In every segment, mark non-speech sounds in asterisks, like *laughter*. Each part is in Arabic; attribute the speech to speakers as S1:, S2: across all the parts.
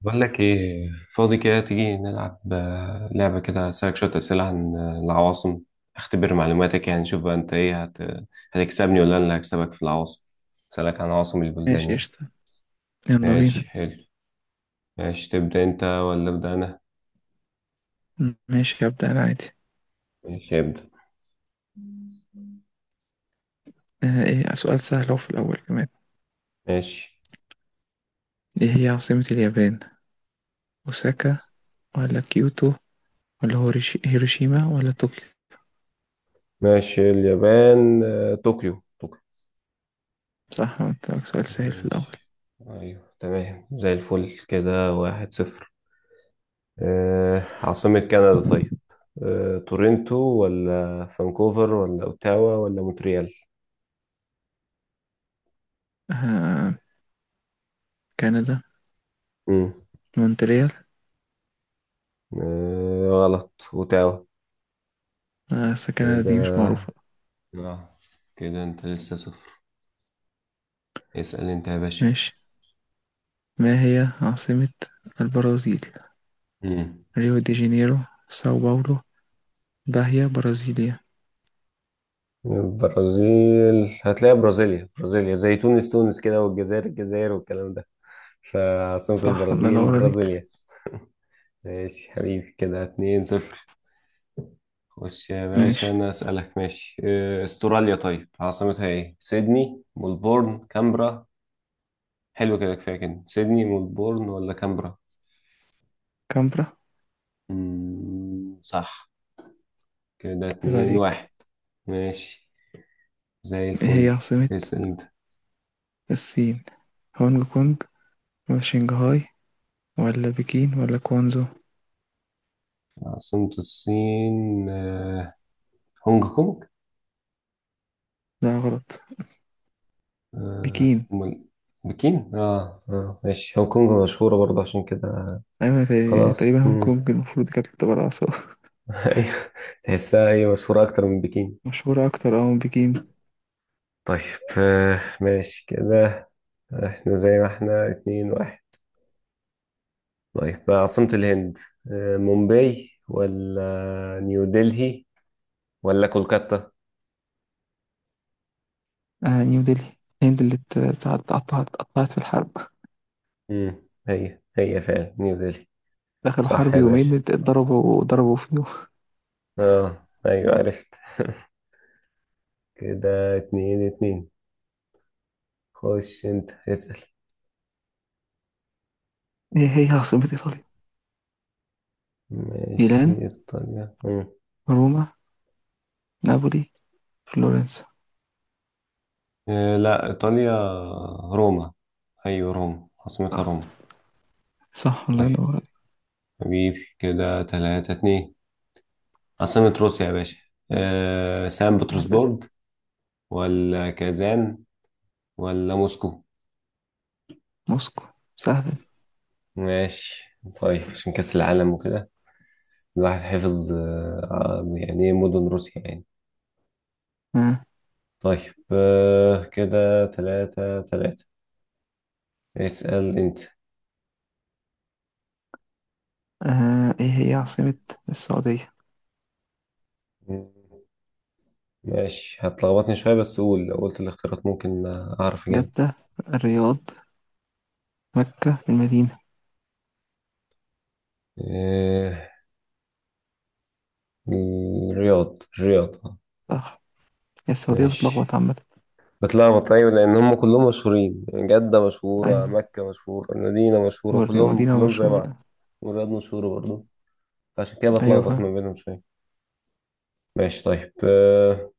S1: بقول لك ايه؟ فاضي كده تيجي نلعب لعبة كده، اسألك شوية أسئلة عن العواصم. اختبر معلوماتك، يعني نشوف بقى انت ايه هتكسبني ولا انا اللي هكسبك في العواصم. اسألك عن عواصم البلدان
S2: ماشي،
S1: يعني.
S2: قشطة. يلا بينا.
S1: ماشي، حلو. ماشي، تبدأ انت ولا أبدأ انا؟
S2: ماشي، هبدأ أنا عادي.
S1: ماشي، ابدأ.
S2: إيه، سؤال سهل أهو في الأول كمان.
S1: ماشي.
S2: إيه هي عاصمة اليابان؟ أوساكا ولا كيوتو ولا هيروشيما ولا طوكيو؟
S1: ماشي، اليابان طوكيو طوكيو.
S2: صح، قلت لك سؤال سهل في الأول.
S1: ماشي، ايوه تمام، زي الفل، كده 1-0. عاصمة كندا طيب، تورنتو ولا فانكوفر ولا اوتاوا ولا مونتريال؟
S2: آه، كندا.
S1: امم
S2: مونتريال.
S1: غلط، اوتاوا.
S2: آه بس كندا دي مش معروفة.
S1: كده، اه كده انت لسه صفر. اسأل انت يا باشا.
S2: ماشي، ما هي عاصمة البرازيل؟
S1: امم
S2: ريو دي جانيرو، ساو باولو، باهيا، برازيليا.
S1: البرازيل هتلاقي برازيليا برازيليا، زي تونس تونس كده، والجزائر الجزائر والكلام ده. فعاصمة
S2: صح، الله
S1: البرازيل
S2: ينور عليك.
S1: برازيليا. ماشي حبيبي، كده 2-0. خش يا باشا
S2: ماشي.
S1: انا اسألك. ماشي، استراليا، طيب عاصمتها ايه؟ سيدني، ملبورن، كامبرا. حلو كده، كفاية كده. سيدني، ملبورن، ولا كامبرا؟
S2: كامبرا.
S1: مم. صح. كده
S2: عيب
S1: اتنين
S2: عليك.
S1: واحد ماشي، زي
S2: إيه
S1: الفل.
S2: هي عاصمة
S1: اسأل انت.
S2: الصين؟ هونج كونج ولا شنغهاي ولا بكين ولا كوانزو؟
S1: عاصمة الصين هونج كونج.
S2: لا، غلط. بكين.
S1: أمال؟ بكين. اه، اه، ماشي، هونج كونج مشهورة برضه عشان كده.
S2: أيوة،
S1: خلاص.
S2: تقريبا هونج
S1: مم.
S2: كونج المفروض كانت تبقى رئيسة.
S1: *laughs* ايوه، تحسها هي مشهورة أكتر من بكين.
S2: *laughs* مشهورة أكتر من بكين.
S1: طيب، ماشي كده. احنا زي ما احنا، 2-1. طيب، عاصمة الهند، مومباي ولا نيو دلهي ولا كولكاتا؟
S2: آه، نيو دلهي. الهند اللي اتقطعت اتقطعت في الحرب.
S1: امم هي فعلا نيو دلهي.
S2: دخلوا
S1: صح
S2: حرب
S1: يا
S2: يومين،
S1: باشا.
S2: اتضربوا، ضربوا فيهم. *laughs*
S1: اه ايوه، عرفت. كده 2-2. خش انت اسأل.
S2: هي هي عاصمة إيطاليا؟
S1: ماشي،
S2: ميلان،
S1: ايطاليا. مم.
S2: روما، نابولي، فلورنسا.
S1: لا، ايطاليا روما. ايوه، روما، عاصمتها
S2: صح.
S1: روما.
S2: صح، الله
S1: طيب
S2: ينور عليك.
S1: حبيبي، كده 3-2. عاصمة روسيا يا باشا، سان
S2: سهل ده.
S1: بطرسبرج، ولا كازان، ولا موسكو؟
S2: موسكو. سهل ده.
S1: ماشي طيب، عشان كأس العالم وكده الواحد حفظ يعني إيه، مدن روسيا يعني.
S2: آه.
S1: طيب، كده 3-3. اسأل أنت.
S2: إيه هي عاصمة السعودية؟
S1: مم، ماشي، هتلخبطني شوية، بس قول لو قلت الاختيارات ممكن أعرف أجيب.
S2: جدة، الرياض، مكة، المدينة.
S1: آه، الرياض، الرياض.
S2: صح. هي السعودية
S1: ماشي.
S2: بتلخبط عامة.
S1: بتلخبط أيوة، لأن هم كلهم مشهورين، جدة مشهورة،
S2: أيوة.
S1: مكة مشهورة، المدينة مشهورة،
S2: والرياض
S1: كلهم
S2: مدينة
S1: كلهم زي
S2: مشهورة.
S1: بعض. والرياض مشهورة برضه، فعشان كده
S2: أيوة،
S1: بتلخبط
S2: فاهم.
S1: ما بينهم شوية. ماشي طيب،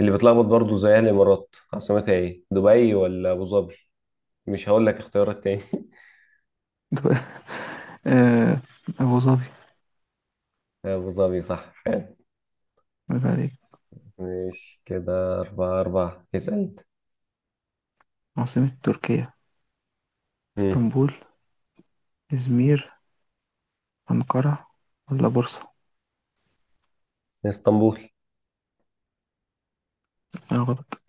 S1: اللي بيتلخبط برضو زيها الامارات، عاصمتها ايه، دبي ولا ابو ظبي؟ مش هقول لك اختيارات تاني. *laughs*
S2: دو- آه، أبو ظبي.
S1: ابو ظبي، صح فعلا.
S2: برافو عليك.
S1: مش كده؟ 4-4. اسأل.
S2: عاصمة تركيا؟
S1: امم
S2: اسطنبول، إزمير، أنقرة، ولا بورصة؟
S1: اسطنبول.
S2: أنا غلط.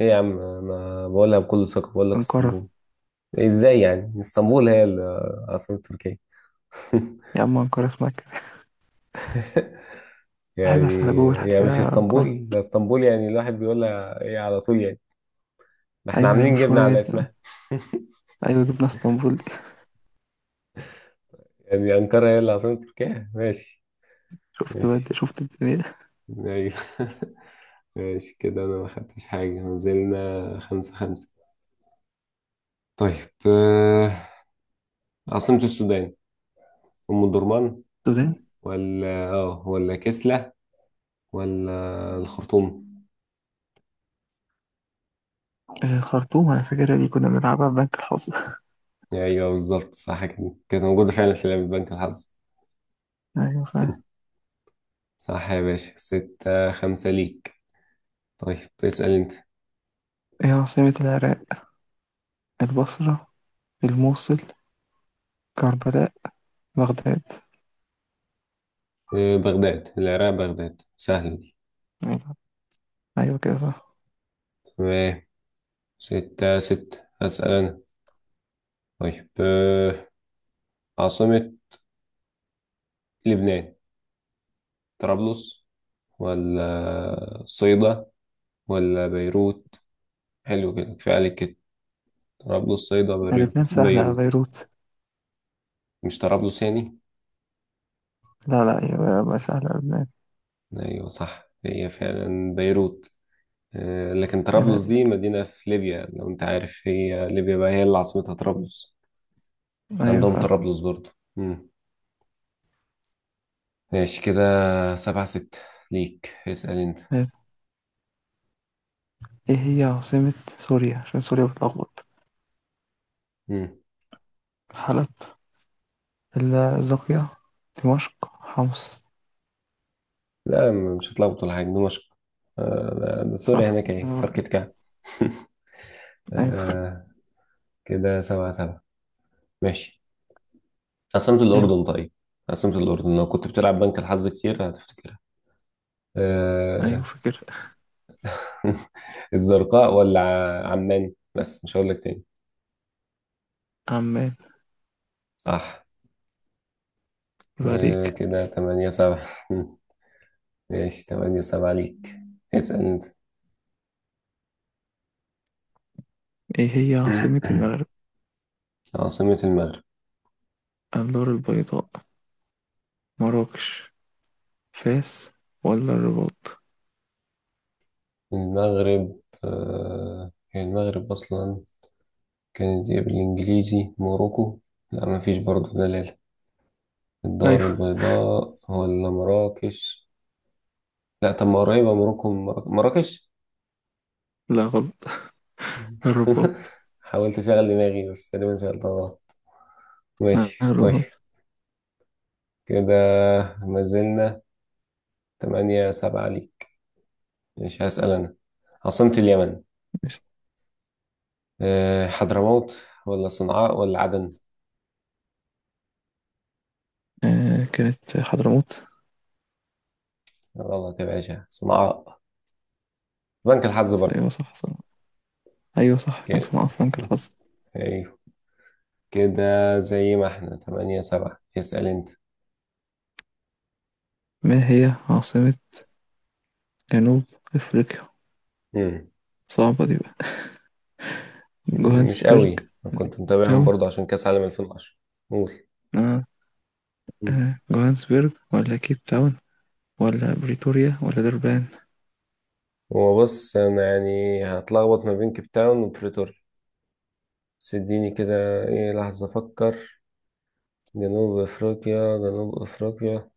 S1: ايه يا عم، انا بقولها بكل ثقة، بقول لك
S2: أنقرة.
S1: اسطنبول. ازاي يعني اسطنبول هي عاصمة تركيا؟ *laughs*
S2: يا عم، أنقرة في مكة. بحب أسأل
S1: يعني
S2: جوجل،
S1: يعني مش
S2: هتلاقيها أنقرة.
S1: اسطنبول؟ ده اسطنبول يعني الواحد بيقولها ايه على طول، يعني ده احنا
S2: أيوة، هي
S1: عاملين جبنة
S2: مشهورة
S1: على
S2: جدا.
S1: اسمها. *laughs*
S2: أيوة، جبنا اسطنبول دي.
S1: يعني انقرة هي اللي عاصمة تركيا، ماشي.
S2: *laughs* شفت بقى
S1: ماشي،
S2: أنت، شفت الدنيا.
S1: ايوه. *laughs* ماشي كده، انا ما خدتش حاجة، نزلنا 5-5. طيب، عاصمة السودان، أم الدرمان،
S2: السودان.
S1: ولا ولا كسلة، ولا الخرطوم؟
S2: آه، الخرطوم. أنا فاكر اللي كنا بنلعبها في بنك الحظ. *laughs*
S1: ايوه بالظبط، صح، كده كانت موجودة فعلا في لعبة بنك الحظ.
S2: أيوة فاهم.
S1: صح يا باشا، 6-5 ليك. طيب، اسأل انت.
S2: إيه عاصمة العراق؟ البصرة، الموصل، كربلاء، بغداد.
S1: بغداد، العراق بغداد سهلة دي.
S2: أيوة. أيوة كده صح.
S1: تمام، 6-6. أسأل أنا، طيب، عاصمة لبنان، طرابلس، ولا صيدا، ولا بيروت؟ حلو كده، كفاية عليك كده. طرابلس، صيدا،
S2: لبنان سهلة،
S1: بيروت؟
S2: بيروت.
S1: مش طرابلس يعني؟
S2: لا لا، يبقى سهلة لبنان.
S1: أيوة صح، هي فعلا بيروت. لكن
S2: يبقى
S1: طرابلس دي
S2: عليك.
S1: مدينة في ليبيا، لو أنت عارف، هي ليبيا بقى هي اللي عاصمتها طرابلس.
S2: أيوة
S1: عندهم
S2: فاهم.
S1: طرابلس برضو. مم. ماشي كده، 7-6 ليك. اسأل أنت.
S2: أيوة. إيه هي عاصمة سوريا؟ عشان سوريا بتلخبط.
S1: مم.
S2: حلب، الزاقية، دمشق، حمص.
S1: لا، مش هتلخبط ولا حاجة، دمشق. ده سوريا
S2: صح،
S1: هناك
S2: يبقى
S1: اهي، فركة
S2: عليك.
S1: كعب. *laughs*
S2: أيوة.
S1: آه، كده 7-7. ماشي. عاصمة
S2: حلو.
S1: الأردن طيب. عاصمة الأردن، لو كنت بتلعب بنك الحظ كتير هتفتكرها.
S2: أيوة،
S1: آه...
S2: فكر.
S1: *laughs* الزرقاء ولا عمان؟ بس مش هقول لك تاني.
S2: عمان.
S1: صح.
S2: يبقى عليك.
S1: كده 8-7. *laughs* ماشي، 8-7 ليك. اسأل أنت.
S2: إيه هي عاصمة
S1: *clears throat*
S2: المغرب؟
S1: عاصمة المغرب.
S2: الدار البيضاء، مراكش، فاس، ولا الرباط؟
S1: المغرب هي المغرب أصلا كانت إيه بالإنجليزي، موروكو. لا، مفيش برضه دلالة. الدار
S2: أيوة.
S1: البيضاء ولا مراكش؟ لا، طب ما قريبة موروكو من مراكش.
S2: لا، غلط.
S1: *laughs*
S2: الرباط.
S1: حاولت اشغل دماغي، بس تقريبا شغلتها غلط. ماشي طيب.
S2: الرباط.
S1: كده ما زلنا 8-7 ليك. مش هسأل أنا؟ عاصمة اليمن، حضرموت، ولا صنعاء، ولا عدن؟
S2: آه، كانت حضرموت.
S1: غلط يا باشا، صنعاء. بنك الحظ
S2: بس
S1: برضه.
S2: أيوة، صح، صح. أيوة صح، كان
S1: كده.
S2: اسمها فرانك
S1: *laughs*
S2: الحظ.
S1: أيوه، كده زي ما احنا 8-7. اسأل أنت.
S2: ما هي عاصمة جنوب أفريقيا؟
S1: مم.
S2: صعبة دي بقى.
S1: مش
S2: جوهانسبرج
S1: قوي، أنا
S2: ولا
S1: كنت
S2: كيب
S1: متابعهم
S2: تاون؟
S1: برضه عشان كأس عالم 2010. قول.
S2: آه.
S1: مم.
S2: جوهانسبرج ولا كيب تاون، ولا بريتوريا، ولا دربان؟
S1: هو بص، انا يعني هتلخبط ما بين كيب تاون وبريتوريا، بس اديني كده ايه لحظة افكر. جنوب افريقيا، جنوب افريقيا،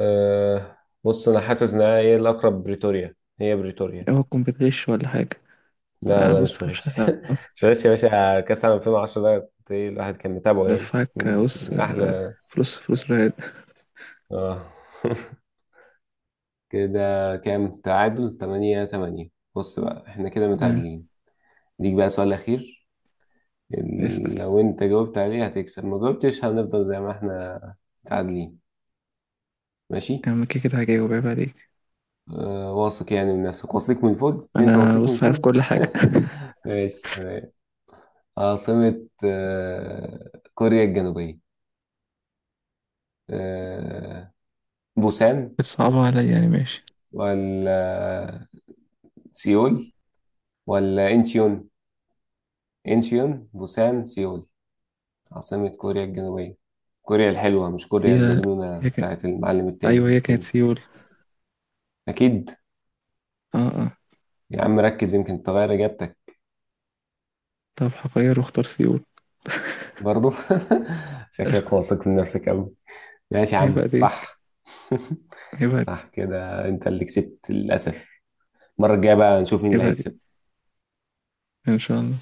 S1: أه بص، انا حاسس انها ايه الاقرب، بريتوريا، هي بريتوريا.
S2: هو تكون بتغش ولا حاجة؟
S1: لا،
S2: آه،
S1: لا، مش
S2: بص، مش
S1: بغش. *laughs* مش
S2: هسامحك.
S1: بغش يا باشا، كاس عام 2010 ده كنت ايه، الواحد كان متابعه، يعني
S2: دفعك.
S1: من
S2: بص،
S1: من احلى.
S2: فلوس فلوس رهاد.
S1: اه. *laughs* كده كام؟ تعادل 8-8. بص بقى، احنا كده
S2: آه.
S1: متعادلين. ديك بقى سؤال اخير،
S2: اسأل.
S1: إن لو انت جاوبت عليه هتكسب، ما جاوبتش هنفضل زي ما احنا متعادلين. ماشي.
S2: يا عم، كده كده هجاوب، عيب عليك.
S1: واثق يعني من نفسك، واثق من الفوز، انت
S2: أنا
S1: واثق من
S2: بص عارف
S1: الفوز؟
S2: كل حاجة. *laughs*
S1: *laughs* ماشي تمام. عاصمة كوريا الجنوبية، آه بوسان،
S2: بتصعبها عليا يعني، ماشي.
S1: ولا سيول، ولا انشيون؟ انشيون، بوسان، سيول، عاصمة كوريا الجنوبية. كوريا الحلوة، مش كوريا
S2: هي
S1: المجنونة
S2: هي كانت.
S1: بتاعت المعلم
S2: أيوه،
S1: التاني
S2: هي كانت
S1: كيم.
S2: سيول.
S1: أكيد.
S2: اه اه.
S1: يا عم ركز، يمكن تغير إجابتك.
S2: طب هغير واختار سيول.
S1: برضو. *laughs* شكلك
S2: *laughs*
S1: واثق من نفسك أوي. ماشي يا
S2: عيب
S1: عم،
S2: عليك.
S1: صح. *laughs*
S2: عيب عليك.
S1: صح، كده أنت اللي كسبت للأسف. المرة الجاية بقى نشوف مين اللي
S2: عيب عليك.
S1: هيكسب.
S2: ان شاء الله.